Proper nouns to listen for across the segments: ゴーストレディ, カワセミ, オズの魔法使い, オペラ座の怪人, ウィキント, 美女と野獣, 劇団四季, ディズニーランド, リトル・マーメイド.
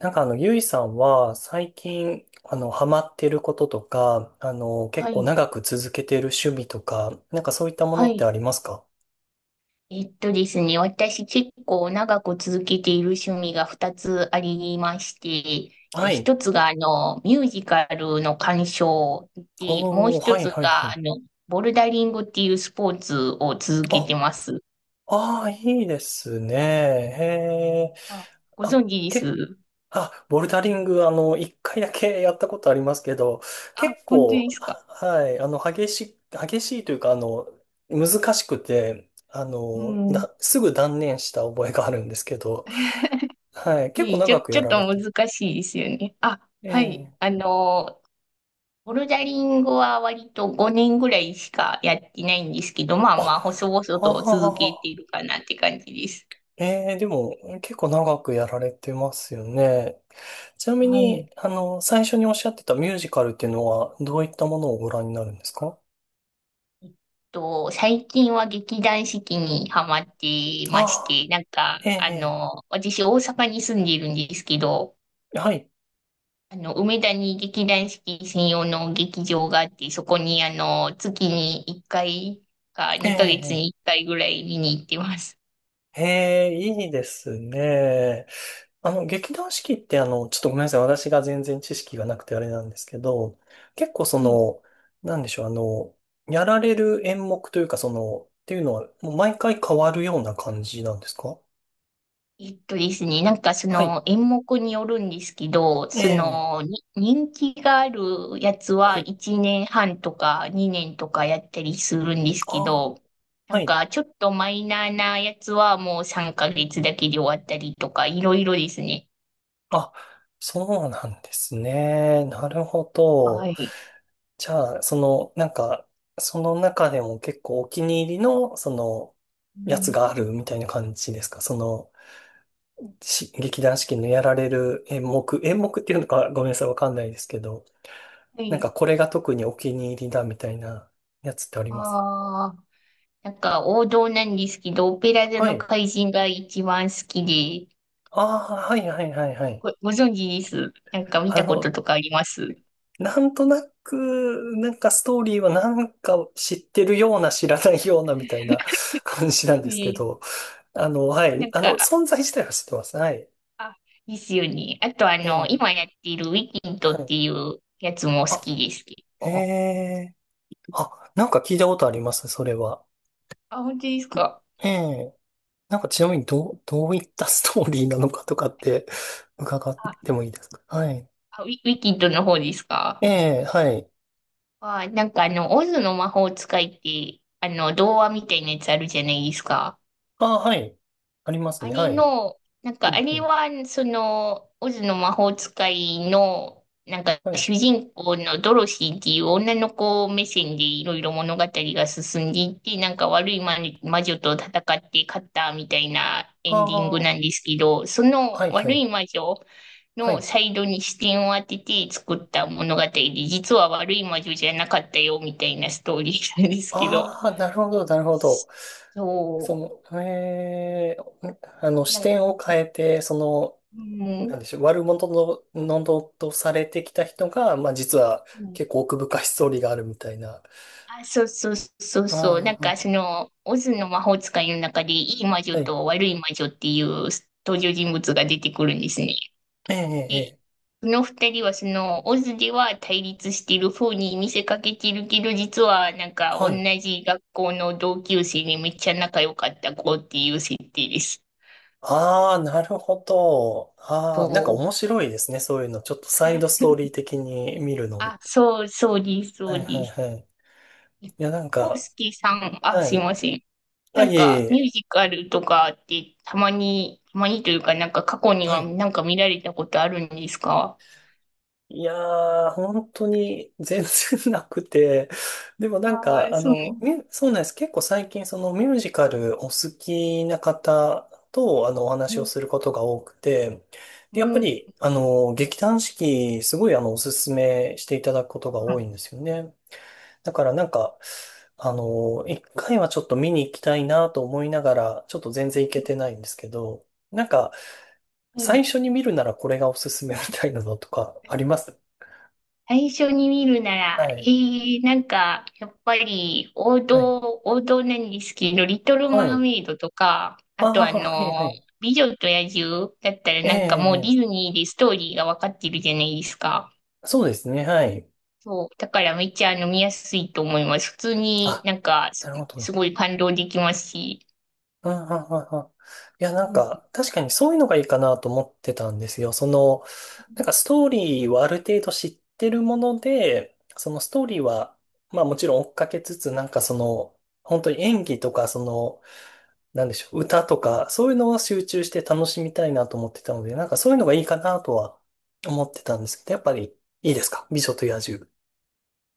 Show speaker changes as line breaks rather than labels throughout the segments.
ゆいさんは最近、ハマってることとか、結
は
構
い、
長く続けてる趣味とか、なんかそういったも
は
のって
い。
ありますか？
ですね、私結構長く続けている趣味が2つありまして、
はい。
1つがミュージカルの鑑賞で、もう
おー、
1
はい
つ
はいは
が
い。
ボルダリングっていうスポーツを続け
あ、
てます。
ああ、いいですね。へえ。
あ、ご
あ、
存知で
け、
す？
あ、ボルダリング、一回だけやったことありますけど、
あ、
結
本当で
構、
すか？
激しいというか、難しくて、
うん。
すぐ断念した覚えがあるんですけど、はい。結
ね
構
え、ちょ、
長く
ち
や
ょっ
られ
と
てる。
難しいですよね。あ、
え
はい。
え。
ボルダリングは割と5年ぐらいしかやってないんですけど、ま
あ、
あまあ、細々
あ
と続けて
あ。
いるかなって感じです。
ええ、でも、結構長くやられてますよね。ちなみ
はい。
に、最初におっしゃってたミュージカルっていうのは、どういったものをご覧になるんですか？
えっ最近は劇団四季にハマっていまし
ああ、
て、なんか、
ええ、え
私大阪に住んでいるんですけど、
え、はい。
梅田に劇団四季専用の劇場があって、そこに月に1回か
え
2ヶ月
え、
に1回ぐらい見に行ってます。
ええ、ええ、いいですね。あの、劇団四季ってちょっとごめんなさい。私が全然知識がなくてあれなんですけど、結構そ
はい。
の、なんでしょう、あの、やられる演目というかその、っていうのは、もう毎回変わるような感じなんですか？
ですね、なんかそ
はい。
の演目によるんですけど、
え
そ
え。
のに人気があるやつ
は
は
い。
1年半とか2年とかやったりするんですけ
ああ、
ど、な
は
ん
い。
かちょっとマイナーなやつはもう3ヶ月だけで終わったりとか、いろいろですね。
あ、そうなんですね。なるほ
は
ど。
い。
じゃあ、その中でも結構お気に入りの、
う
やつ
ん、
があるみたいな感じですか？そのし、劇団四季のやられる演目っていうのかごめんなさい、わかんないですけど、
は
なん
い。
かこれが特にお気に入りだみたいなやつってあります？
ああ、なんか王道なんですけど、オペラ座
は
の
い。
怪人が一番好きで、
ああ、はいはいはいはい。
ご存知です？なんか見
あ
たこと
の、
とかあります？
なんとなく、なんかストーリーはなんか知ってるような知らないようなみたいな 感じなんですけ
え
ど、
え、
あの、は
な
い。
ん
あの、
か、
存在自体は知ってます。はい。
あ、ですよね。あと、
え
今
え、
やっているウィキン
は
トっ
い。
ていうやつも好
あ、
きです、結
え
構。
え、あ、なんか聞いたことあります、それは。
あ、本当ですか。
ええ、なんかちなみにどういったストーリーなのかとかって伺っ
あ、
てもいいですか？はい。
ウィキントの方ですか？
ええ、はい。
あ、なんかオズの魔法使いって、童話みたいなやつあるじゃないですか。
ああ、はい。あります
あ
ね。
れ
はい。
の、なん
う
か
ん、
あ
う
れ
ん。
は、オズの魔法使いの、なんか
はい。
主人公のドロシーっていう女の子目線でいろいろ物語が進んでいって、なんか悪い魔女と戦って勝ったみたいな
あ
エン
あ、
ディングなん
は
ですけど、その
い、は
悪
い。
い魔女
は
の
い。
サイドに視点を当てて作った物語で、実は悪い魔女じゃなかったよみたいなストーリーなんですけど、
ああ、なるほど、なるほど。そ
そ
ええ、
う、な
視
んか、
点を変えて、その、
うん、
なんでしょう、悪者の、のどとされてきた人が、まあ実は結構奥深いストーリーがあるみたいな。
あ、そうそうそうそう。な
あ
ん
あ、
かオズの魔法使いの中で、いい魔女
はい。
と悪い魔女っていう登場人物が出てくるんですね。
ええ、ええ、え
で、
え、
その二人はオズでは対立してる風に見せかけてるけど、実はなんか
は
同
い。
じ学校の同級生にめっちゃ仲良かった子っていう設定です。
ああ、なるほど。ああ、なんか
そ
面
う。
白いですね。そういうの。ちょっとサイドストーリー的に見るの。
あ、そう、そうです、そ
は
う
いは
で
い
す。
はい。いや、なん
コウス
か、
ケさん、あ、
は
すい
い。
ません。
あ、
なん
いえ
か、
い
ミュ
え。
ージカルとかってたまに、たまにというか、なんか過去に
は
は
い。
なんか見られたことあるんですか？
いやー、本当に全然なくて。でもなん
あ
か、
あ、
あ
そうなん
の、
で
ミュそうなんです。結構最近そのミュージカルお好きな方と、お
す
話
ね。
をすることが多くて、
う
でやっぱ
ん、うん、
り、劇団四季、すごいおすすめしていただくことが多いん
は
ですよね。だからなんか、あの一回はちょっと見に行きたいなと思いながら、ちょっと全然行けてないんですけど、なんか、最
い。
初に見るならこれがおすすめみたいなのとかあります？
最初に見るなら、
はい。
なんか、やっぱり王
はい。
道、王道なんですけど、リトル・
は
マー
い。
メイドとか、
あ
あと
あ、はい、はい。
美女と野獣だったら
え
なんかもうディ
え、
ズニーでストーリーがわかってるじゃないですか。
そうですね、はい。
そう。だからめっちゃ飲みやすいと思います。普通にな
あ、
んか
な
す、
るほどね。
すごい感動できますし、
うんうんうんうん。いや、なん
うん、
か、確かにそういうのがいいかなと思ってたんですよ。なんかストーリーはある程度知ってるもので、そのストーリーは、まあもちろん追っかけつつ、本当に演技とか、その、なんでしょう、歌とか、そういうのは集中して楽しみたいなと思ってたので、なんかそういうのがいいかなとは思ってたんですけど、やっぱりいいですか、美女と野獣。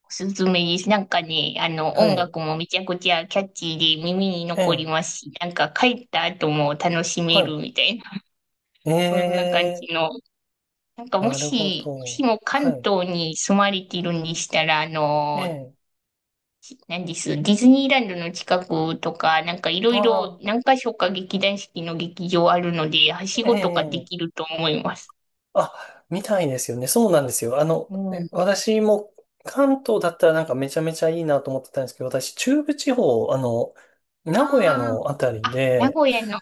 おすすめです。なんかね、
は
音
い。
楽もめちゃくちゃキャッチーで耳に
え
残り
え。
ますし、なんか帰った後も楽しめ
は
る
い。
みたいな、
え
そんな感じ
え。
の。なんかも
なるほ
し、もし
ど。
も
は
関
い。
東に住まれているんでしたら、
ええ。
なんです、ディズニーランドの近くとか、なんかいろ
あ
いろ
あ。
何か所か劇団四季の劇場あるので、はし
え
ごとかで
え、
きると思います。
あ、みたいですよね。そうなんですよ。
うん。
私も関東だったらなんかめちゃめちゃいいなと思ってたんですけど、私中部地方、
あ
名古屋のあたり
あ、あ、名
で、
古屋の。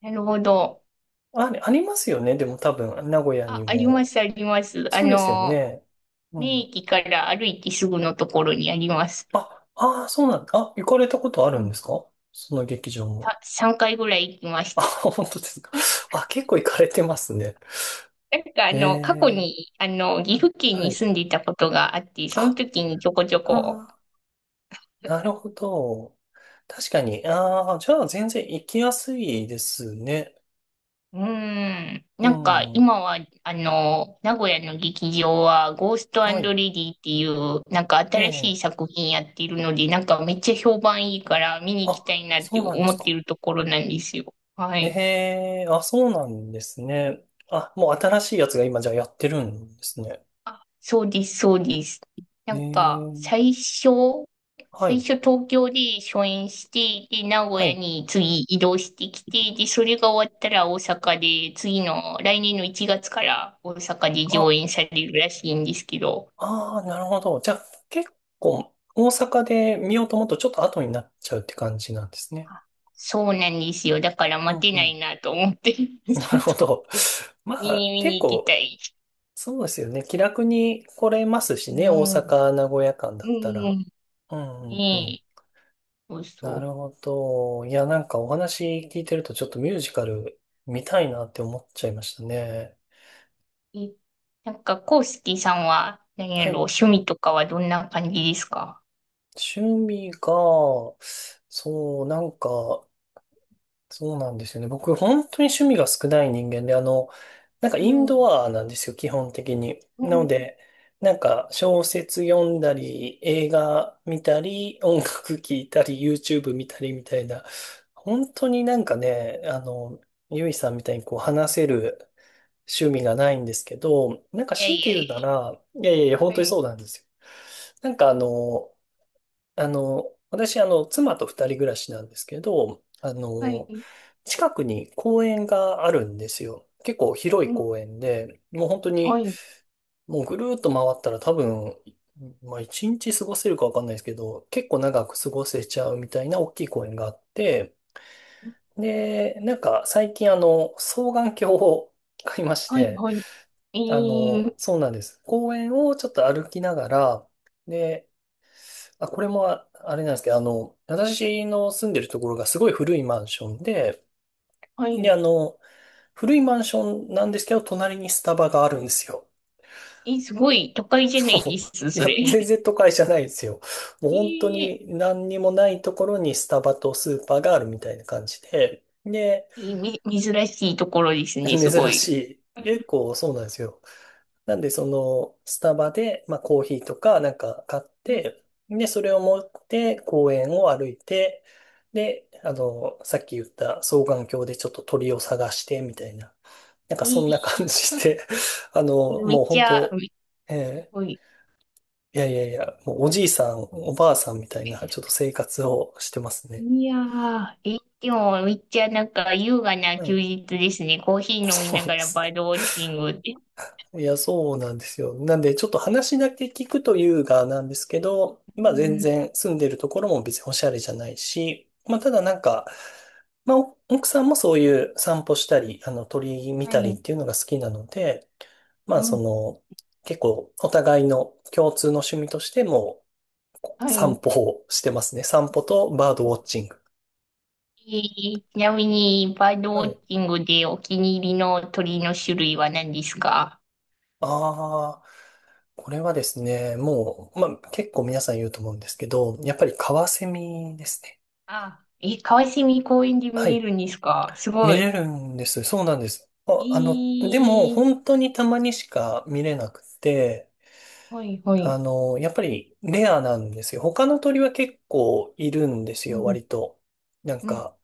なるほど。
あ、ありますよね。でも多分、名古屋
あ、
に
ありま
も。
す、あります。
そうですよね。う
名
ん。
駅から歩いてすぐのところにあります。
あ、ああ、そうなんだ。あ、行かれたことある
う
ん
ん、
ですか、その劇場も。
さ、3回ぐらい行きまし
あ、
た。
本当ですか。あ、結構行かれてますね。
なんか
え
過去
え、
に、岐阜県
は
に
い。
住んでいたことがあって、その
あ、
時にちょこちょ
あ
こ、
ー、なるほど。確かに。ああ、じゃあ全然行きやすいですね。
うーん。
う
なんか
ん。
今は、名古屋の劇場は、ゴーストレ
は
デ
い。
ィっていう、なんか
え
新し
え。
い作品やってるので、なんかめっちゃ評判いいから見に行き
あ、
たいなっ
そ
て
うなんで
思
す
っ
か。
てるところなんですよ。はい。
ええ、あ、そうなんですね。あ、もう新しいやつが今じゃあやってるんですね。
あ、そうです、そうです。な
え
んか、
え。
最初、
は
最
い。
初東京で初演して、で、名古
は
屋
い。
に次移動してきて、で、それが終わったら大阪で、次の来年の1月から大阪で上
あ、
演されるらしいんですけど、
ああ、なるほど。じゃあ結構大阪で見ようと思うとちょっと後になっちゃうって感じなんですね。
あ、そうなんですよ。だから
う
待
ん
て
う
な
ん。
いなと思って、ち
なる
ょっ
ほ
と
ど。ま
見
あ、
に見
結
に行きた
構
い。
そうですよね。気楽に来れますし
う
ね。大
ん、う
阪、名古屋間だったら。
ん、
うんうんう
ね
ん。
え、そうそ
なる
う。
ほど。いや、なんかお話聞いてるとちょっとミュージカル見たいなって思っちゃいましたね。
えなんか、コウスキーさんは、何
は
やろ、
い。
趣味とかはどんな感じですか？
趣味が、そう、そうなんですよね。僕、本当に趣味が少ない人間で、なんか
う
イン
ん、
ドアなんですよ、基本的に。
う
なの
ん、
で、なんか小説読んだり、映画見たり、音楽聴いたり、YouTube 見たりみたいな、本当になんかね、あの、ゆいさんみたいにこう話せる趣味がないんですけど、なんか
いや
強い
い
て
や
言うな
い
ら、いやいやいや、本当にそう
や、
なんですよ。なんかあの、私、妻と二人暮らしなんですけど、
はい、はい、
近くに公園があるんですよ。結構広
う
い
ん、
公園で、もう本当
は
に、
い、
もうぐるーっと回ったら多分、まあ一日過ごせるかわかんないですけど、結構長く過ごせちゃうみたいな大きい公園があって、で、なんか最近双眼鏡を買いまし
はい、
て、
はい、え
あ
ー、
の、そうなんです。公園をちょっと歩きながら、で、あ、これもああれなんですけど、私の住んでるところがすごい古いマンションで、
は
で、
い、
古いマンションなんですけど、隣にスタバがあるんですよ。
え、すごい都会じゃな
そ
いです、
う。い
そ
や、
れ。
全 然都会じゃないですよ。もう
え
本当
ー、
に何にもないところにスタバとスーパーがあるみたいな感じで、で、
えーみ、珍しいところですね、
珍
すご
し
い。
い。結構そうなんですよ。なんで、その、スタバで、まあ、コーヒーとか、なんか買っ
うん、
て、で、それを持って公園を歩いて、で、さっき言った双眼鏡でちょっと鳥を探して、みたいな。なんかそんな
え
感じで、あの、
めっ
もう
ち
本
ゃ、
当、
す
えー
ごい。
いやいやいや、もうおじいさん、おばあさんみたいな、ちょっと生活をしてますね。
いやー、え、でもめっちゃなんか優雅な
は
休
い。
日ですね。コーヒ ー飲み
そ
な
う
が
で
らバー
す。
ドウォッチング。
いや、そうなんですよ。なんで、ちょっと話だけ聞くというがなんですけど、
う
まあ全
ん。
然住んでるところも別におしゃれじゃないし、まあただなんか、まあお奥さんもそういう散歩したり、あの鳥見
は
たり
い。
っていうのが好きなので、まあ
う
そ
ん。
の、結構お互いの共通の趣味としても
は
散
い。
歩をしてますね。散歩とバードウォッチング。
えちなみに、バード
は
ウォッ
い。
チングでお気に入りの鳥の種類は何ですか？
ああ、これはですね、もう、まあ結構皆さん言うと思うんですけど、やっぱりカワセミですね。
あ、え、川蝉公園で見
は
れ
い。
るんですか？すご
見
い。
れるんです。そうなんです。
え
あ、あの、でも、
ー、
本当にたまにしか見れなくて、
はい。は
あ
い。
の、やっぱりレアなんですよ。他の鳥は結構いるんです
う
よ、
ん。
割と。なん
うん。
か、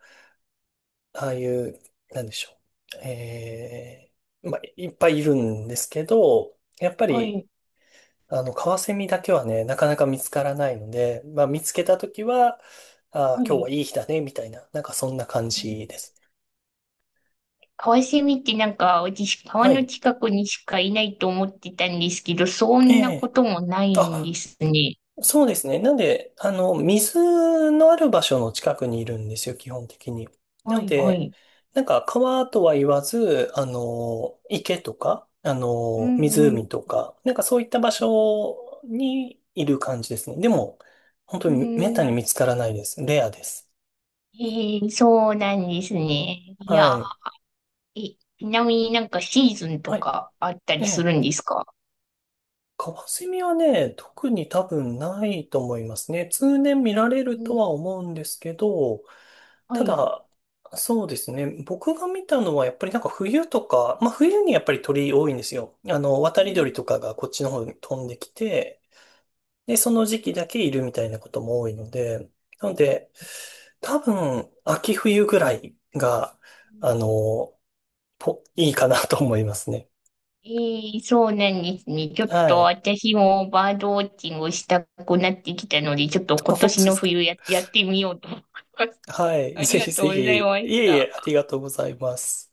ああいう、なんでしょう。えー、まあ、いっぱいいるんですけど、やっぱ
は
り、
い。
カワセミだけはね、なかなか見つからないので、まあ、見つけたときは、あ
は
ー、今日
い。
はいい日だね、みたいな、なんかそんな感じです。
カワセミってなんか、私、川
は
の
い。
近くにしかいないと思ってたんですけど、そ
え
んなこ
え、
ともないんで
あ、
すね。
そうですね。なんで、水のある場所の近くにいるんですよ、基本的に。な
は
の
い。は
で、
い。
なんか川とは言わず、あの、池とか、あ
う
の、
ん。うん。
湖とか、なんかそういった場所にいる感じですね。でも、本当
う
に滅多に
ん。
見つからないです。レアです。
ええ、そうなんですね。い
は
や
い。
ー、え、ちなみになんかシーズンと
は
かあったり
い。え
するん
え、
ですか？
カワセミはね、特に多分ないと思いますね。通年見られる
う
と
ん、
は思うんですけど、
は
た
い。
だ、そうですね。僕が見たのはやっぱりなんか冬とか、まあ冬にやっぱり鳥多いんですよ。あの、渡
う
り鳥
ん、
とかがこっちの方に飛んできて、で、その時期だけいるみたいなことも多いので、なので、多分秋冬ぐらいが、あの、ぽいいかなと思いますね。
ええ、そうなんですね。ちょっと
はい。
私もバードウォッチングをしたくなってきたので、ちょっと 今
そう
年
で
の
すか。
冬やってみようと思います。
は い。
あ
ぜ
りが
ひ
と
ぜ
う
ひ。
ござい
い
まし
えい
た。
え、ありがとうございます。